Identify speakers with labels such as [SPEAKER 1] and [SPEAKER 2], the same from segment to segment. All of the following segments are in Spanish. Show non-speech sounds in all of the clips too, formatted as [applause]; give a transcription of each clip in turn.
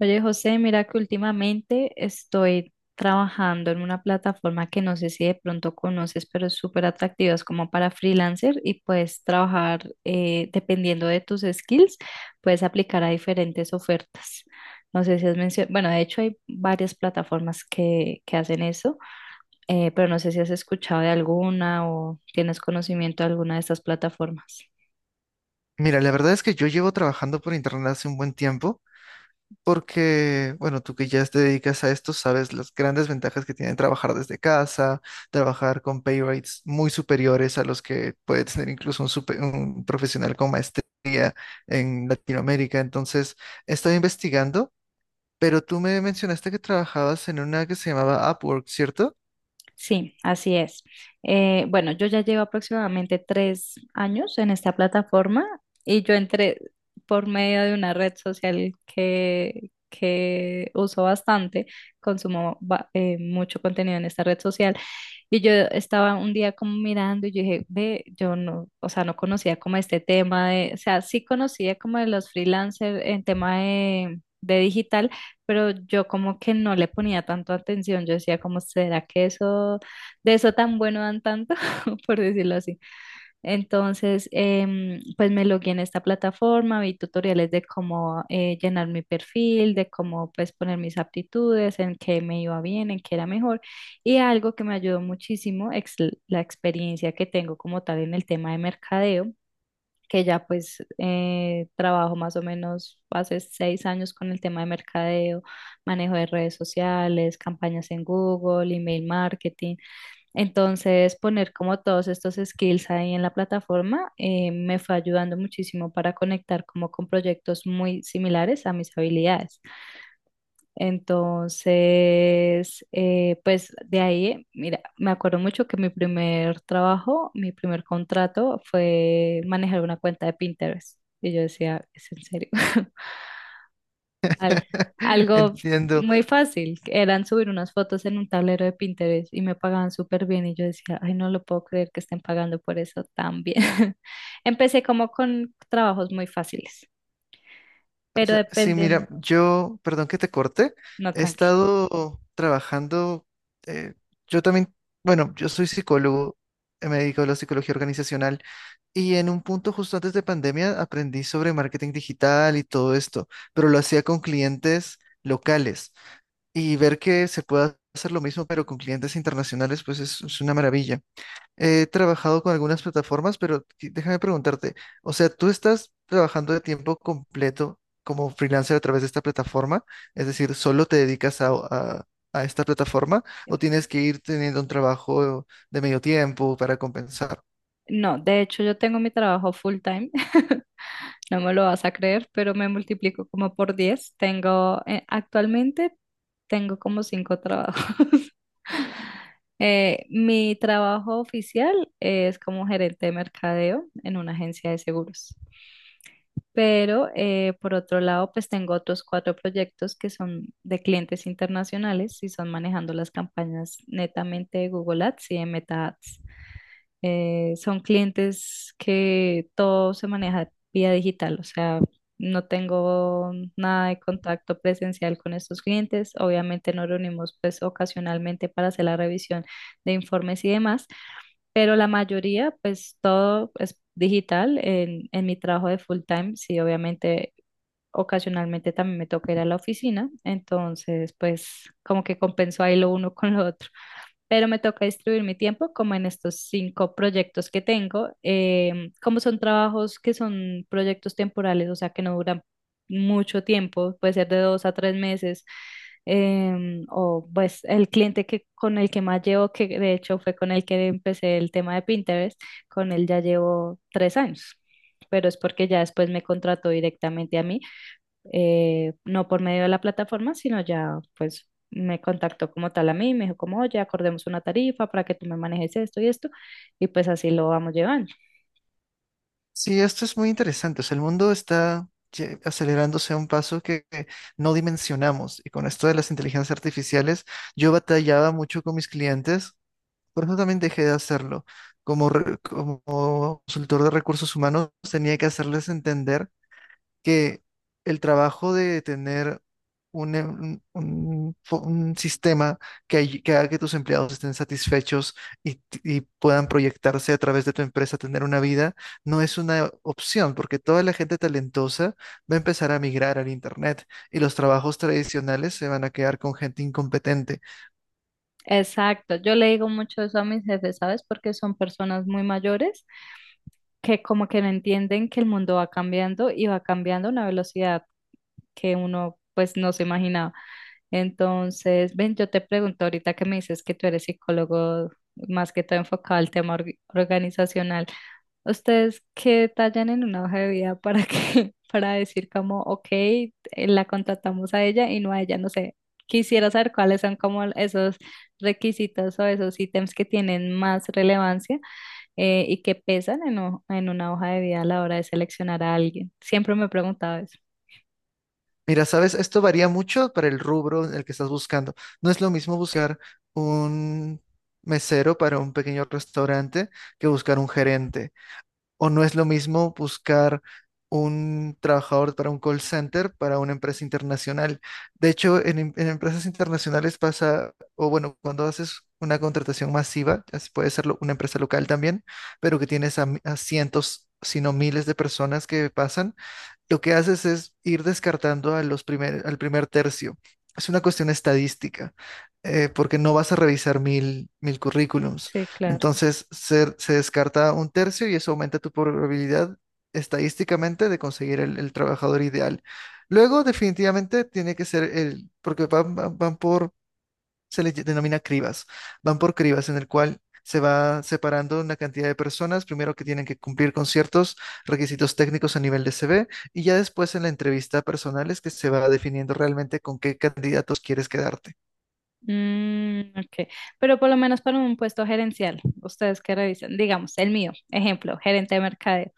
[SPEAKER 1] Oye, José, mira que últimamente estoy trabajando en una plataforma que no sé si de pronto conoces, pero es súper atractiva, es como para freelancer y puedes trabajar dependiendo de tus skills, puedes aplicar a diferentes ofertas. No sé si has mencionado, bueno, de hecho hay varias plataformas que hacen eso, pero no sé si has escuchado de alguna o tienes conocimiento de alguna de estas plataformas.
[SPEAKER 2] Mira, la verdad es que yo llevo trabajando por internet hace un buen tiempo porque, bueno, tú que ya te dedicas a esto, sabes las grandes ventajas que tiene trabajar desde casa, trabajar con pay rates muy superiores a los que puede tener incluso un profesional con maestría en Latinoamérica. Entonces, he estado investigando, pero tú me mencionaste que trabajabas en una que se llamaba Upwork, ¿cierto?
[SPEAKER 1] Sí, así es. Bueno, yo ya llevo aproximadamente 3 años en esta plataforma y yo entré por medio de una red social que uso bastante, consumo mucho contenido en esta red social y yo estaba un día como mirando y yo dije, ve, yo no, o sea, no conocía como este tema de, o sea, sí conocía como de los freelancers en tema de digital, pero yo como que no le ponía tanto atención, yo decía como, ¿será que eso, de eso tan bueno dan tanto? [laughs] por decirlo así. Entonces, pues me logué en esta plataforma, vi tutoriales de cómo llenar mi perfil, de cómo pues poner mis aptitudes, en qué me iba bien, en qué era mejor, y algo que me ayudó muchísimo es la experiencia que tengo como tal en el tema de mercadeo que ya pues trabajo más o menos hace 6 años con el tema de mercadeo, manejo de redes sociales, campañas en Google, email marketing. Entonces, poner como todos estos skills ahí en la plataforma me fue ayudando muchísimo para conectar como con proyectos muy similares a mis habilidades. Entonces, pues de ahí, mira, me acuerdo mucho que mi primer trabajo, mi primer contrato fue manejar una cuenta de Pinterest. Y yo decía, ¿es en serio? [laughs] Al-
[SPEAKER 2] [laughs]
[SPEAKER 1] algo
[SPEAKER 2] Entiendo.
[SPEAKER 1] muy fácil, que eran subir unas fotos en un tablero de Pinterest y me pagaban súper bien. Y yo decía, ay, no lo puedo creer que estén pagando por eso tan bien. [laughs] Empecé como con trabajos muy fáciles,
[SPEAKER 2] O
[SPEAKER 1] pero
[SPEAKER 2] sea, sí,
[SPEAKER 1] dependiendo,
[SPEAKER 2] mira, yo, perdón que te corte,
[SPEAKER 1] no,
[SPEAKER 2] he
[SPEAKER 1] tranquilo.
[SPEAKER 2] estado trabajando, eh, yo también, bueno, yo soy psicólogo, me dedico a la psicología organizacional y en un punto justo antes de pandemia aprendí sobre marketing digital y todo esto, pero lo hacía con clientes locales y ver que se puede hacer lo mismo pero con clientes internacionales, pues es una maravilla. He trabajado con algunas plataformas, pero déjame preguntarte, o sea, ¿tú estás trabajando de tiempo completo como freelancer a través de esta plataforma? Es decir, ¿solo te dedicas a esta plataforma o tienes que ir teniendo un trabajo de medio tiempo para compensar?
[SPEAKER 1] No, de hecho yo tengo mi trabajo full time, [laughs] no me lo vas a creer, pero me multiplico como por 10. Tengo, actualmente tengo como 5 trabajos. [laughs] Mi trabajo oficial es como gerente de mercadeo en una agencia de seguros. Pero por otro lado, pues tengo otros 4 proyectos que son de clientes internacionales y son manejando las campañas netamente de Google Ads y de Meta Ads. Son clientes que todo se maneja vía digital, o sea, no tengo nada de contacto presencial con estos clientes. Obviamente nos reunimos pues ocasionalmente para hacer la revisión de informes y demás, pero la mayoría pues todo es digital en mi trabajo de full time, sí, obviamente. Ocasionalmente también me toca ir a la oficina, entonces pues como que compenso ahí lo uno con lo otro, pero me toca distribuir mi tiempo como en estos 5 proyectos que tengo, como son trabajos que son proyectos temporales, o sea, que no duran mucho tiempo, puede ser de 2 a 3 meses, o pues el cliente que, con el que más llevo, que de hecho fue con el que empecé el tema de Pinterest, con él ya llevo 3 años. Pero es porque ya después me contrató directamente a mí, no por medio de la plataforma, sino ya pues me contactó como tal a mí, me dijo como, oye, acordemos una tarifa para que tú me manejes esto y esto, y pues así lo vamos llevando.
[SPEAKER 2] Sí, esto es muy interesante. O sea, el mundo está acelerándose a un paso que no dimensionamos. Y con esto de las inteligencias artificiales, yo batallaba mucho con mis clientes. Por eso también dejé de hacerlo. Como consultor de recursos humanos, tenía que hacerles entender que el trabajo de tener un, em- un- fo- un sistema que haga que tus empleados estén satisfechos y puedan proyectarse a través de tu empresa, tener una vida, no es una opción, porque toda la gente talentosa va a empezar a migrar al Internet y los trabajos tradicionales se van a quedar con gente incompetente.
[SPEAKER 1] Exacto, yo le digo mucho eso a mis jefes, ¿sabes? Porque son personas muy mayores que como que no entienden que el mundo va cambiando y va cambiando a una velocidad que uno pues no se imaginaba. Entonces, ven, yo te pregunto ahorita que me dices que tú eres psicólogo más que todo enfocado al tema organizacional. ¿Ustedes qué detallan en una hoja de vida para que, [laughs] para decir como, ok, la contratamos a ella y no a ella? No sé, quisiera saber cuáles son como esos requisitos o esos ítems que tienen más relevancia y que pesan en, en una hoja de vida a la hora de seleccionar a alguien. Siempre me he preguntado eso.
[SPEAKER 2] Mira, sabes, esto varía mucho para el rubro en el que estás buscando. No es lo mismo buscar un mesero para un pequeño restaurante que buscar un gerente. O no es lo mismo buscar un trabajador para un call center para una empresa internacional. De hecho, en empresas internacionales pasa, o bueno, cuando haces una contratación masiva, ya se puede ser una empresa local también, pero que tienes a cientos, si no miles de personas que pasan. Lo que haces es ir descartando al primer tercio. Es una cuestión estadística, porque no vas a revisar mil, mil currículums.
[SPEAKER 1] Sí, claro.
[SPEAKER 2] Entonces, se descarta un tercio y eso aumenta tu probabilidad estadísticamente de conseguir el trabajador ideal. Luego, definitivamente, tiene que ser el, porque van por, se denomina cribas. Van por cribas en el cual se va separando una cantidad de personas, primero que tienen que cumplir con ciertos requisitos técnicos a nivel de CV y ya después en la entrevista personal es que se va definiendo realmente con qué candidatos quieres quedarte.
[SPEAKER 1] Mm, ok, pero por lo menos para un puesto gerencial, ¿ustedes qué revisan? Digamos, el mío, ejemplo, gerente de mercadeo.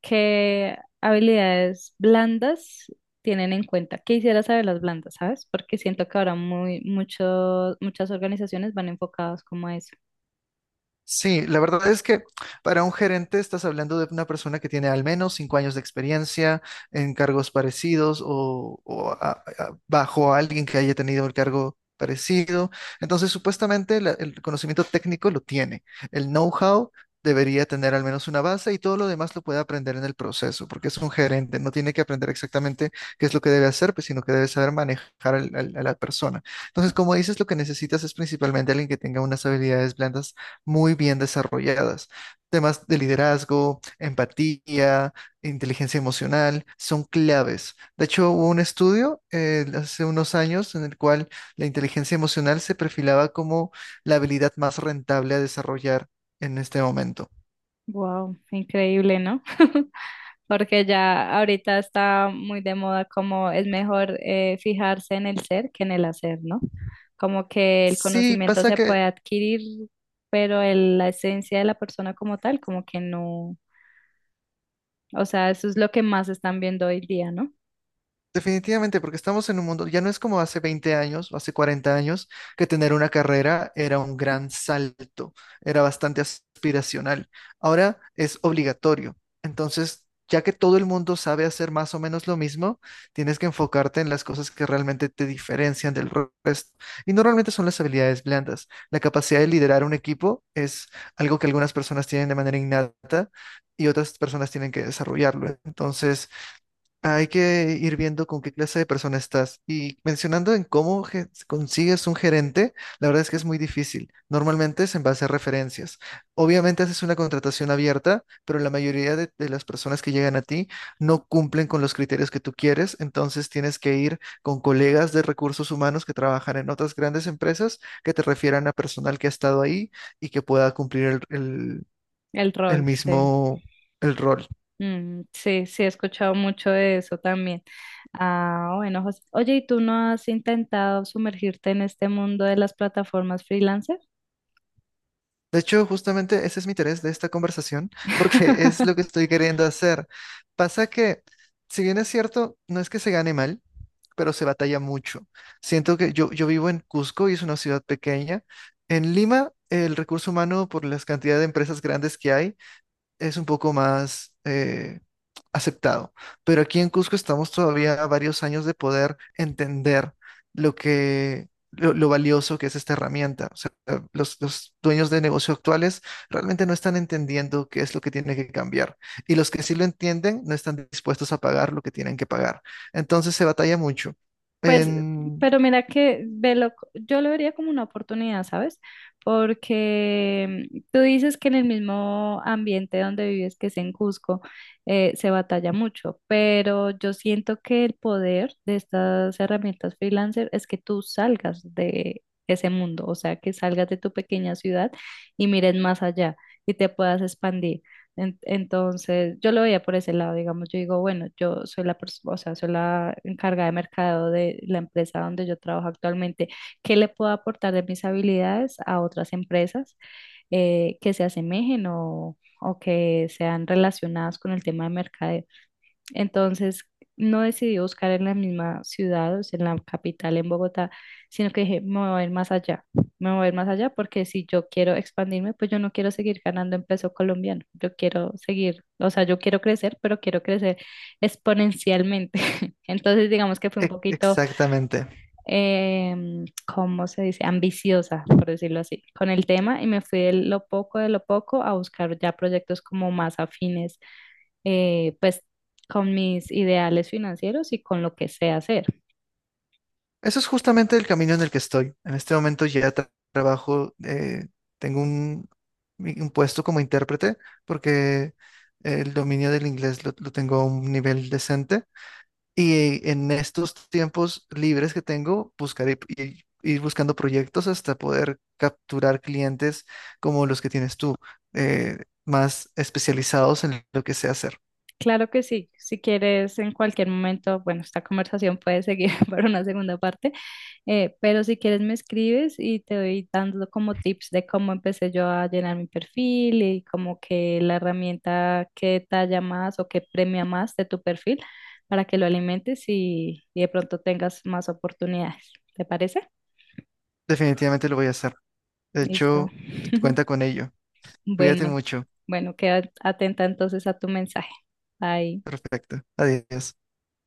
[SPEAKER 1] ¿Qué habilidades blandas tienen en cuenta? Quisiera saber las blandas, ¿sabes? Porque siento que ahora muchas organizaciones van enfocadas como a eso.
[SPEAKER 2] Sí, la verdad es que para un gerente estás hablando de una persona que tiene al menos 5 años de experiencia en cargos parecidos o bajo a alguien que haya tenido el cargo parecido. Entonces, supuestamente el conocimiento técnico lo tiene. El know-how debería tener al menos una base y todo lo demás lo puede aprender en el proceso, porque es un gerente, no tiene que aprender exactamente qué es lo que debe hacer, pues, sino que debe saber manejar a la persona. Entonces, como dices, lo que necesitas es principalmente alguien que tenga unas habilidades blandas muy bien desarrolladas. Temas de liderazgo, empatía, inteligencia emocional son claves. De hecho, hubo un estudio hace unos años en el cual la inteligencia emocional se perfilaba como la habilidad más rentable a desarrollar en este momento.
[SPEAKER 1] Wow, increíble, ¿no? [laughs] Porque ya ahorita está muy de moda como es mejor fijarse en el ser que en el hacer, ¿no? Como que el
[SPEAKER 2] Sí,
[SPEAKER 1] conocimiento
[SPEAKER 2] pasa
[SPEAKER 1] se
[SPEAKER 2] que
[SPEAKER 1] puede adquirir, pero la esencia de la persona como tal, como que no. O sea, eso es lo que más están viendo hoy día, ¿no?
[SPEAKER 2] definitivamente, porque estamos en un mundo, ya no es como hace 20 años o hace 40 años, que tener una carrera era un gran salto, era bastante aspiracional. Ahora es obligatorio. Entonces, ya que todo el mundo sabe hacer más o menos lo mismo, tienes que enfocarte en las cosas que realmente te diferencian del resto. Y normalmente son las habilidades blandas. La capacidad de liderar un equipo es algo que algunas personas tienen de manera innata y otras personas tienen que desarrollarlo. Entonces, hay que ir viendo con qué clase de persona estás. Y mencionando en cómo consigues un gerente, la verdad es que es muy difícil. Normalmente es en base a referencias. Obviamente haces una contratación abierta, pero la mayoría de las personas que llegan a ti no cumplen con los criterios que tú quieres. Entonces tienes que ir con colegas de recursos humanos que trabajan en otras grandes empresas que te refieran a personal que ha estado ahí y que pueda cumplir el, el
[SPEAKER 1] El
[SPEAKER 2] el
[SPEAKER 1] rol, sí.
[SPEAKER 2] mismo, el rol.
[SPEAKER 1] Mm, sí, sí, he escuchado mucho de eso también. Ah, bueno, José. Oye, ¿y tú no has intentado sumergirte en este mundo de las plataformas freelancer?
[SPEAKER 2] De hecho, justamente ese es mi interés de esta conversación, [laughs] porque es
[SPEAKER 1] [laughs]
[SPEAKER 2] lo que estoy queriendo hacer. Pasa que, si bien es cierto, no es que se gane mal, pero se batalla mucho. Siento que yo vivo en Cusco y es una ciudad pequeña. En Lima, el recurso humano, por las cantidad de empresas grandes que hay, es un poco más aceptado. Pero aquí en Cusco estamos todavía a varios años de poder entender lo valioso que es esta herramienta. O sea, los dueños de negocio actuales realmente no están entendiendo qué es lo que tiene que cambiar. Y los que sí lo entienden no están dispuestos a pagar lo que tienen que pagar. Entonces se batalla mucho.
[SPEAKER 1] Pues,
[SPEAKER 2] En...
[SPEAKER 1] pero mira que velo, yo lo vería como una oportunidad, ¿sabes? Porque mm, tú dices que en el mismo ambiente donde vives, que es en Cusco, se batalla mucho, pero yo siento que el poder de estas herramientas freelancer es que tú salgas de ese mundo, o sea, que salgas de tu pequeña ciudad y mires más allá y te puedas expandir. Entonces, yo lo veía por ese lado, digamos, yo digo, bueno, yo soy la persona, o sea, soy la encargada de mercado de la empresa donde yo trabajo actualmente. ¿Qué le puedo aportar de mis habilidades a otras empresas que se asemejen o que sean relacionadas con el tema de mercadeo? Entonces, no decidí buscar en la misma ciudad, o sea, en la capital, en Bogotá, sino que dije, me voy a ir más allá, me voy a ir más allá porque si yo quiero expandirme, pues yo no quiero seguir ganando en peso colombiano, yo quiero seguir, o sea, yo quiero crecer, pero quiero crecer exponencialmente. [laughs] Entonces, digamos que fue un poquito,
[SPEAKER 2] Exactamente.
[SPEAKER 1] em, ¿cómo se dice? Ambiciosa, por decirlo así, con el tema y me fui de lo poco a buscar ya proyectos como más afines pues con mis ideales financieros y con lo que sé hacer.
[SPEAKER 2] Eso es justamente el camino en el que estoy. En este momento ya trabajo, tengo un puesto como intérprete porque el dominio del inglés lo tengo a un nivel decente y en estos tiempos libres que tengo, buscaré ir buscando proyectos hasta poder capturar clientes como los que tienes tú, eh, más especializados en lo que sé hacer.
[SPEAKER 1] Claro que sí, si quieres en cualquier momento, bueno, esta conversación puede seguir [laughs] para una segunda parte, pero si quieres me escribes y te doy dando como tips de cómo empecé yo a llenar mi perfil y como que la herramienta que talla más o que premia más de tu perfil para que lo alimentes y de pronto tengas más oportunidades. ¿Te parece?
[SPEAKER 2] Definitivamente lo voy a hacer. De
[SPEAKER 1] Listo.
[SPEAKER 2] hecho, cuenta
[SPEAKER 1] [laughs]
[SPEAKER 2] con ello. Cuídate
[SPEAKER 1] Bueno,
[SPEAKER 2] mucho.
[SPEAKER 1] bueno, queda atenta entonces a tu mensaje. Bye.
[SPEAKER 2] Perfecto. Adiós.